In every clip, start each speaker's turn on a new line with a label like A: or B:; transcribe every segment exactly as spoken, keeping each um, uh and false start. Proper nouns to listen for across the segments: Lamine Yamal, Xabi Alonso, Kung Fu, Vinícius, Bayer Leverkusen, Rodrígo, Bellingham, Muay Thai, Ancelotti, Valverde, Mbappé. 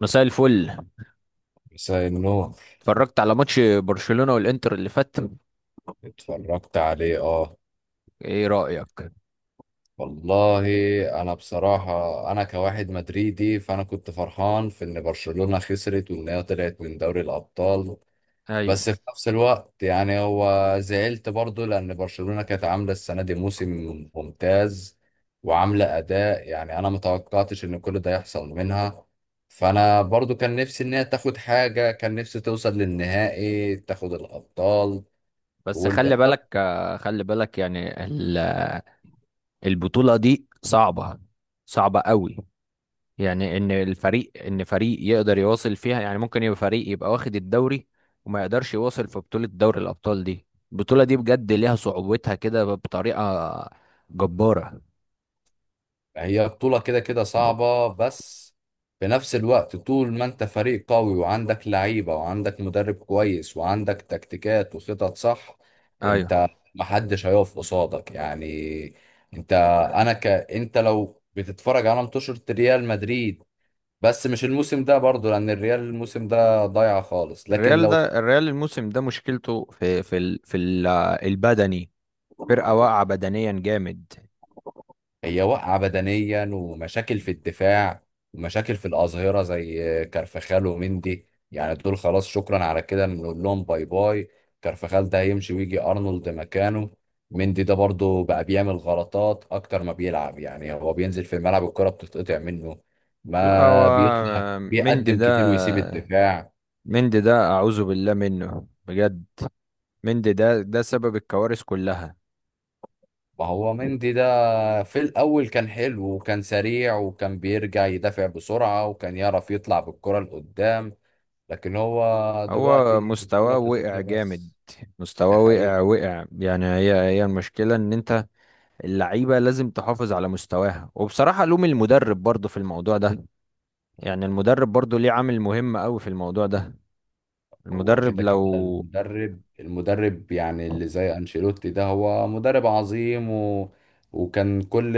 A: مساء الفل.
B: سايمنون.
A: اتفرجت على ماتش برشلونة والانتر اللي فات.
B: اتفرجت عليه، اه.
A: ايه رأيك؟
B: والله، انا بصراحة انا كواحد مدريدي، فانا كنت فرحان في ان برشلونة خسرت وان هي طلعت من دوري الابطال.
A: ايوه.
B: بس في نفس الوقت يعني هو زعلت برضو لان برشلونة كانت عاملة السنة دي موسم ممتاز وعاملة اداء، يعني انا متوقعتش ان كل ده يحصل منها. فانا برضو كان نفسي ان هي تاخد حاجة، كان نفسي توصل للنهائي تاخد الابطال
A: بس خلي
B: والانتر.
A: بالك آه، خلي بالك يعني ال- آه، البطولة دي صعبة. صعبة قوي. يعني ان الفريق ان فريق يقدر يواصل فيها، يعني ممكن يبقى فريق يبقى واخد الدوري، وما يقدرش يواصل في بطولة دوري الأبطال دي. البطولة دي بجد ليها صعوبتها كده بطريقة جبارة.
B: هي بطولة كده كده صعبة، بس في نفس الوقت طول ما انت فريق قوي وعندك لعيبة وعندك مدرب كويس وعندك تكتيكات وخطط صح،
A: ايوه.
B: انت محدش هيقف قصادك يعني. انت انا ك انت لو بتتفرج على ماتشات ريال مدريد، بس مش الموسم ده برضو لان الريال الموسم ده ضايع خالص. لكن
A: الريال ده الريال الموسم ده مشكلته في في ال- في ال- آه، البدني. فرقة
B: لو
A: واقعة بدنيا جامد.
B: هي واقعة بدنيا ومشاكل في الدفاع ومشاكل في الأظهرة زي كارفخال ومندي، يعني دول خلاص شكرا على كده نقول لهم باي باي. كارفخال ده هيمشي ويجي أرنولد مكانه. مندي ده برضه بقى بيعمل غلطات أكتر ما بيلعب، يعني هو بينزل في الملعب الكرة بتتقطع منه،
A: لا، هو
B: ما بيطلع
A: مندي
B: بيقدم
A: ده
B: كتير ويسيب الدفاع.
A: مندي ده أعوذ بالله منه بجد. مندي ده، ده سبب الكوارث كلها.
B: ما هو مندي ده في الأول كان حلو وكان سريع وكان بيرجع يدافع بسرعة وكان يعرف يطلع بالكرة لقدام، لكن هو دلوقتي
A: هو
B: البطولة
A: مستواه وقع
B: بتتقطع
A: جامد.
B: بس.
A: مستواه
B: دي
A: وقع
B: حقيقة.
A: وقع يعني هي هي المشكلة، إن أنت اللعيبة لازم تحافظ على مستواها، وبصراحة لوم المدرب برضه في الموضوع ده. يعني المدرب برضه ليه عامل مهم أوي في الموضوع ده.
B: هو
A: المدرب
B: كده كده
A: لو
B: المدرب المدرب يعني اللي زي أنشيلوتي ده هو مدرب عظيم و... وكان كل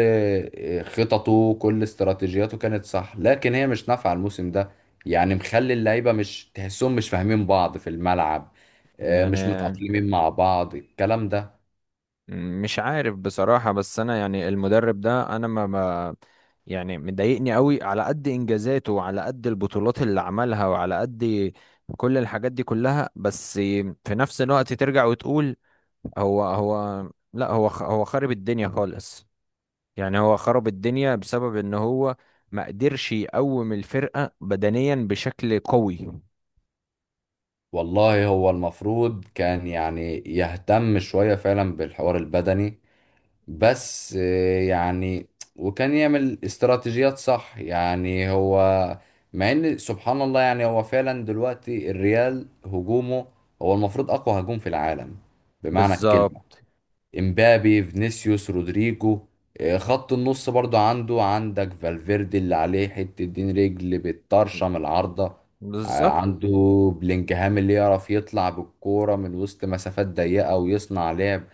B: خططه كل استراتيجياته كانت صح، لكن هي مش نافعة الموسم ده. يعني مخلي اللعيبة مش تحسهم مش فاهمين بعض في الملعب، آه،
A: يعني
B: مش متأقلمين مع بعض الكلام ده.
A: مش عارف بصراحة، بس أنا يعني المدرب ده أنا ما ما- يعني مضايقني قوي، على قد إنجازاته وعلى قد البطولات اللي عملها وعلى قد كل الحاجات دي كلها، بس في نفس الوقت ترجع وتقول هو هو لا، هو خ- هو خرب الدنيا خالص. يعني هو خرب الدنيا بسبب إن هو ما قدرش يقوم الفرقة بدنيا بشكل قوي.
B: والله هو المفروض كان يعني يهتم شوية فعلا بالحوار البدني، بس آه، يعني وكان يعمل استراتيجيات صح. يعني هو مع ان سبحان الله يعني هو فعلا دلوقتي الريال هجومه هو المفروض اقوى هجوم في العالم بمعنى الكلمة:
A: بالظبط.
B: امبابي، فينيسيوس، رودريجو. آه، خط النص برضو عنده، عندك فالفيردي اللي عليه حتة دين رجل بتطرشم العارضة. آه،
A: بالظبط.
B: عنده بلينجهام اللي يعرف يطلع بالكورة من وسط مسافات ضيقة ويصنع لعب.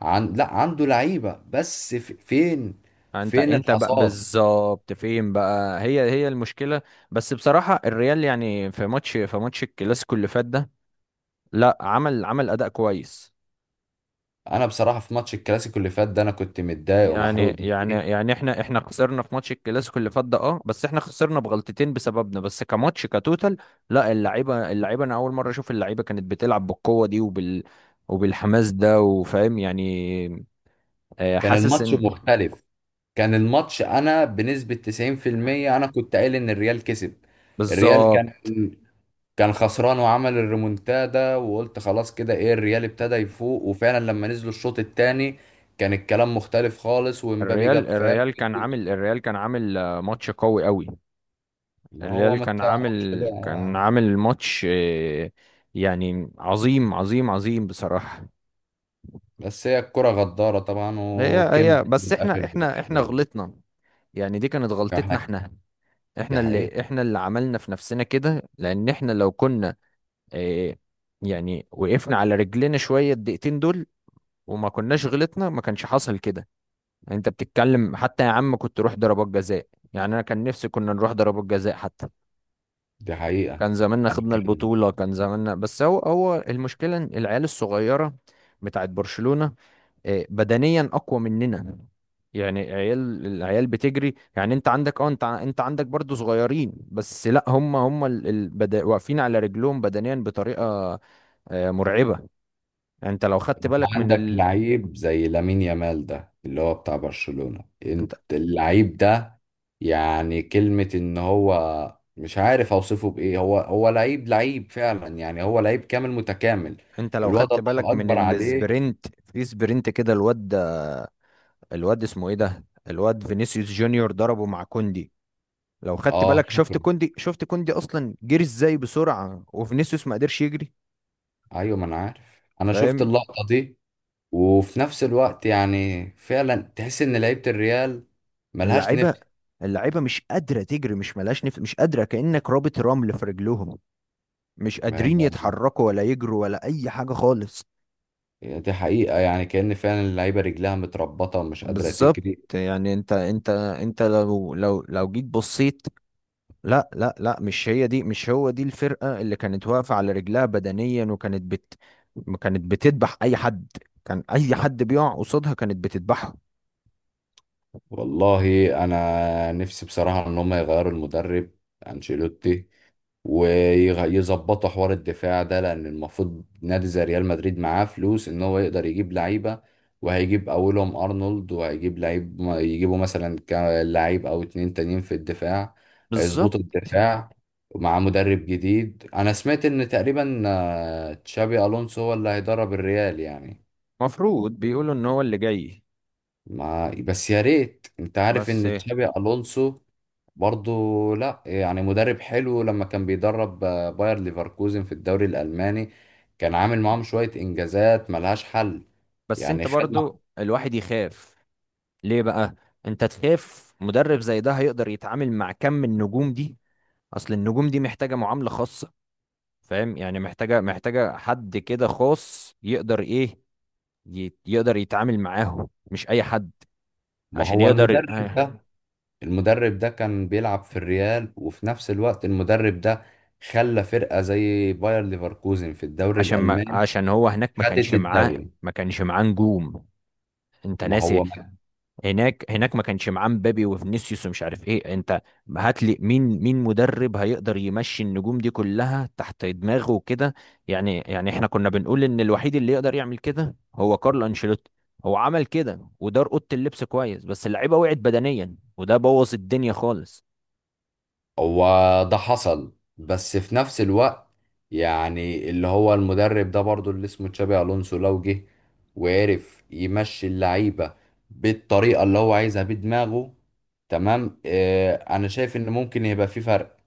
B: عن... لا عنده لعيبة، بس في... فين،
A: انت
B: فين
A: انت بقى
B: الحصاد؟
A: بالظبط، فين بقى هي هي المشكله. بس بصراحه الريال، يعني في ماتش في ماتش الكلاسيكو اللي فات ده، لا عمل عمل اداء كويس.
B: انا بصراحة في ماتش الكلاسيكو اللي فات ده انا كنت متضايق
A: يعني
B: ومحروق
A: يعني
B: دمي.
A: يعني احنا احنا خسرنا في ماتش الكلاسيكو اللي فات ده، اه بس احنا خسرنا بغلطتين بسببنا، بس كماتش كتوتال لا، اللعيبه اللعيبه انا اول مره اشوف اللعيبه كانت بتلعب بالقوه دي وبال وبالحماس ده وفاهم يعني. آه،
B: كان
A: حاسس
B: الماتش
A: ان
B: مختلف. كان الماتش، انا بنسبة تسعين في المية انا كنت قايل ان الريال كسب. الريال
A: بالظبط.
B: كان كان خسران وعمل الريمونتادا، وقلت خلاص كده ايه الريال ابتدى يفوق، وفعلا لما نزلوا الشوط الثاني كان الكلام مختلف خالص ومبابي
A: الريال
B: جاب فاول.
A: الريال كان عامل الريال كان عامل آه، ماتش قوي قوي.
B: ما هو
A: الريال
B: ما
A: كان عامل
B: تعرفش
A: كان
B: بقى.
A: عامل ماتش آه، يعني عظيم عظيم عظيم بصراحة.
B: بس هي الكرة غدارة طبعا
A: هي هي
B: وكملت
A: بس
B: للآخر
A: احنا احنا احنا
B: لبرشلونة.
A: غلطنا. يعني دي كانت غلطتنا
B: احنا.
A: احنا.
B: دي
A: احنا
B: حقيقة.
A: اللي احنا اللي عملنا في نفسنا كده، لان احنا لو كنا آه، يعني وقفنا على رجلنا شوية الدقيقتين دول وما كناش غلطنا، ما كانش حصل كده. يعني انت بتتكلم حتى، يا عم كنت روح ضربات جزاء. يعني انا كان نفسي كنا نروح ضربات جزاء حتى.
B: دي حقيقة.
A: كان زماننا
B: أنا
A: خدنا
B: بتكلم.
A: البطولة كان زماننا، بس هو هو المشكلة إن العيال الصغيرة بتاعت برشلونة آه، بدنيا أقوى مننا. يعني عيال العيال بتجري. يعني انت عندك اه، انت ع- انت عندك برضو صغيرين، بس لا، هم هم ال- ال- بدا- واقفين على رجلهم بدنيا بطريقة آه، مرعبة. يعني انت لو خدت بالك من
B: عندك
A: ال...
B: لعيب زي لامين يامال ده اللي هو بتاع برشلونة،
A: انت
B: انت اللعيب ده يعني كلمة ان هو مش عارف اوصفه بايه. هو هو لعيب لعيب فعلا، يعني هو لعيب كامل متكامل.
A: انت لو
B: الواد،
A: خدت
B: الله
A: بالك من
B: اكبر عليه.
A: السبرنت، في سبرنت كده الواد ده- الواد اسمه ايه ده؟ الواد فينيسيوس جونيور ضربه مع كوندي. لو خدت
B: اه
A: بالك، شفت
B: فاكره.
A: كوندي، شفت كوندي اصلا جري ازاي بسرعه، وفينيسيوس ما قدرش يجري
B: ايوه، ما انا عارف، انا شفت
A: فاهم.
B: اللقطة دي. وفي نفس الوقت يعني فعلا تحس ان لعيبة الريال ملهاش نفس.
A: اللعيبه اللعيبه مش قادره تجري، مش ملاش نفس، مش قادره، كانك رابط رمل في رجلهم. مش
B: ما
A: قادرين
B: هي-
A: يتحركوا ولا يجروا ولا اي حاجه خالص.
B: دي حقيقة، يعني كأن فعلا اللعيبة رجلها متربطة ومش قادرة
A: بالظبط.
B: تجري.
A: يعني انت انت انت لو لو لو جيت بصيت، لا لا لا، مش هي دي، مش هو دي الفرقة اللي كانت واقفة على رجلها بدنيا وكانت بت كانت بتذبح أي حد. كان أي حد بيقع قصادها كانت بتذبحه.
B: والله انا نفسي بصراحه ان هم يغيروا المدرب انشيلوتي، ويظبطوا حوار الدفاع ده، لان المفروض نادي زي ريال مدريد معاه فلوس ان هو يقدر يجيب لعيبه. وهيجيب اولهم ارنولد، وهيجيب لعيب يجيبوا مثلا كا- لعيب او اتنين تانيين في الدفاع.
A: بالظبط.
B: هيظبطوا الدفاع مع مدرب جديد. انا سمعت ان تقريبا آه، تشابي الونسو هو اللي هيدرب الريال يعني.
A: مفروض بيقولوا ان هو اللي جاي.
B: ما بس يا ريت، انت عارف
A: بس
B: ان تشابي الونسو برضو لا يعني مدرب حلو. لما كان بيدرب آه، باير ليفركوزن في الدوري الالماني كان عامل معاهم شوية انجازات ملهاش حل.
A: بس انت
B: يعني خد مع-
A: برضو الواحد يخاف ليه بقى؟ انت تخاف مدرب زي ده هيقدر يتعامل مع كم من النجوم دي؟ اصل النجوم دي محتاجة معاملة خاصة، فاهم يعني، محتاجة محتاجة حد كده خاص يقدر ايه، ي- يقدر يتعامل معاهم، مش اي حد
B: ما
A: عشان
B: هو
A: يقدر.
B: المدرب ده، المدرب ده كان بيلعب في الريال، وفي نفس الوقت المدرب ده خلى فرقة زي باير ليفركوزن في الدوري
A: عشان ما
B: الالماني
A: عشان هو هناك ما
B: خدت
A: كانش معاه،
B: الدوري.
A: ما كانش معاه نجوم، انت
B: ما
A: ناسي.
B: هو،
A: هناك هناك ما كانش معاه مبابي وفينيسيوس ومش عارف ايه، انت هات لي مين مين مدرب هيقدر يمشي النجوم دي كلها تحت دماغه وكده. يعني يعني احنا كنا بنقول ان الوحيد اللي يقدر يعمل كده هو كارلو انشيلوتي. هو عمل كده ودار اوضه اللبس كويس، بس اللعيبه وقعت بدنيا وده بوظ الدنيا خالص.
B: هو ده حصل. بس في نفس الوقت يعني اللي هو المدرب ده برضو اللي اسمه تشابي الونسو لو جه وعرف يمشي اللعيبه بالطريقه اللي هو عايزها بدماغه، تمام، آه، انا شايف ان ممكن يبقى في فرق.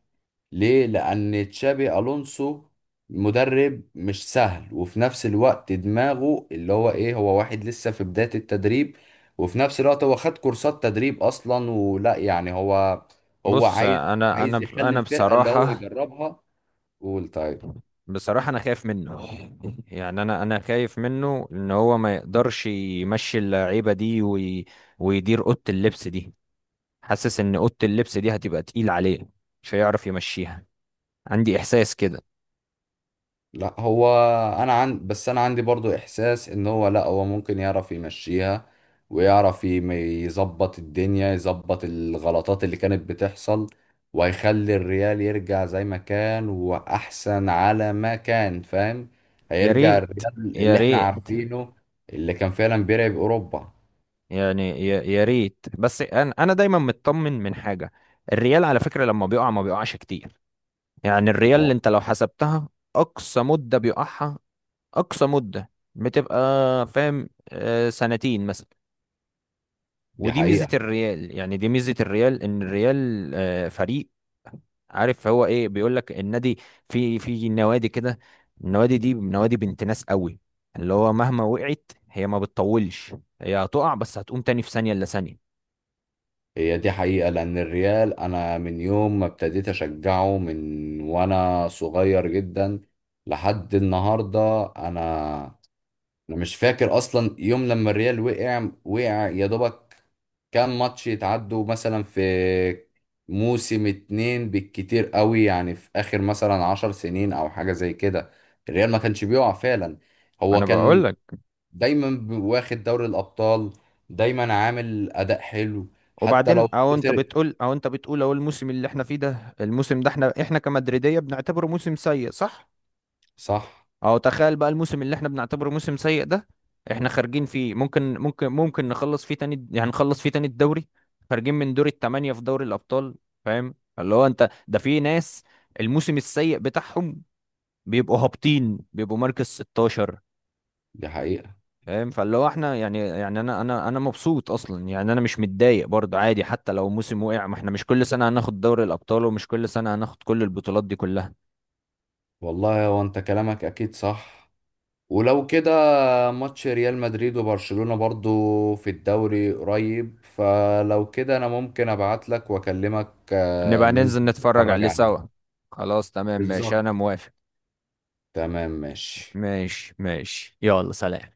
B: ليه؟ لأن تشابي ألونسو مدرب مش سهل، وفي نفس الوقت دماغه اللي هو إيه، هو واحد لسه في بداية التدريب، وفي نفس الوقت هو خد كورسات تدريب أصلا ولا، يعني هو هو
A: بص،
B: عايز
A: انا
B: عايز
A: انا
B: يخلي
A: انا
B: الفرقة اللي هو
A: بصراحه،
B: يجربها. قول طيب.
A: بصراحه انا خايف منه. يعني انا انا خايف منه ان هو ما يقدرش يمشي اللعيبه دي وي ويدير اوضه اللبس دي. حاسس ان اوضه اللبس دي هتبقى تقيل عليه، مش هيعرف يمشيها، عندي احساس كده.
B: لا هو، انا عن بس انا عندي برضو احساس ان هو لا هو ممكن يعرف يمشيها، ويعرف يم- يظبط الدنيا، يظبط الغلطات اللي كانت بتحصل، وهيخلي الريال يرجع زي ما كان واحسن على ما كان، فاهم.
A: يا
B: هيرجع
A: ريت
B: الريال
A: يا
B: اللي احنا
A: ريت
B: عارفينه، اللي كان فعلا بيلعب اوروبا.
A: يعني يا يا ريت، بس انا انا دايما مطمن من حاجه. الريال على فكره لما بيقع ما بيقعش كتير. يعني الريال،
B: ما
A: اللي
B: هو
A: انت لو حسبتها اقصى مده بيقعها، اقصى مده بتبقى فاهم آه، سنتين مثلا.
B: دي
A: ودي ميزه
B: حقيقة.
A: الريال يعني دي ميزه الريال، ان الريال آه، فريق عارف هو ايه بيقول لك النادي. في في نوادي كده، النوادي دي نوادي بنت ناس قوي، اللي هو مهما وقعت هي ما بتطولش. هي هتقع بس هتقوم تاني في ثانية الا ثانية.
B: هي دي حقيقة، لأن الريال أنا من يوم ما ابتديت أشجعه من وأنا صغير جدا لحد النهاردة، أنا أنا مش فاكر أصلا يوم لما الريال وقع. وقع يا دوبك كام ماتش يتعدوا مثلا في موسم اتنين بالكتير قوي، يعني في آخر مثلا عشر سنين أو حاجة زي كده الريال ما كانش بيقع فعلا. هو
A: انا بقول
B: كان
A: لك.
B: دايما واخد دوري الأبطال، دايما عامل أداء حلو حتى
A: وبعدين
B: لو
A: او انت
B: خسر.
A: بتقول او انت بتقول اهو، الموسم اللي احنا فيه ده، الموسم ده احنا احنا كمدريدية بنعتبره موسم سيء، صح؟
B: صح،
A: اهو تخيل بقى الموسم اللي احنا بنعتبره موسم سيء ده، احنا خارجين فيه ممكن ممكن ممكن نخلص فيه تاني، يعني نخلص فيه تاني الدوري، خارجين من دور التمانية في دوري الأبطال. فاهم، اللي هو انت ده في ناس الموسم السيء بتاعهم بيبقوا هابطين، بيبقوا مركز ستاشر.
B: دي حقيقة.
A: فاهم، فاللي هو احنا يعني، يعني انا انا انا مبسوط اصلا، يعني انا مش متضايق برضه، عادي، حتى لو موسم وقع، ما احنا مش كل سنة هناخد دوري الأبطال، ومش كل سنة هناخد كل البطولات دي كلها.
B: والله هو انت كلامك اكيد صح. ولو كده ماتش ريال مدريد وبرشلونة برضو في الدوري قريب، فلو كده انا ممكن ابعت لك واكلمك، آه،
A: نبقى
B: ننزل
A: ننزل نتفرج
B: نتفرج
A: عليه
B: عليه.
A: سوا. خلاص، تمام، ماشي،
B: بالظبط،
A: انا موافق.
B: تمام، ماشي.
A: ماشي ماشي، يلا سلام.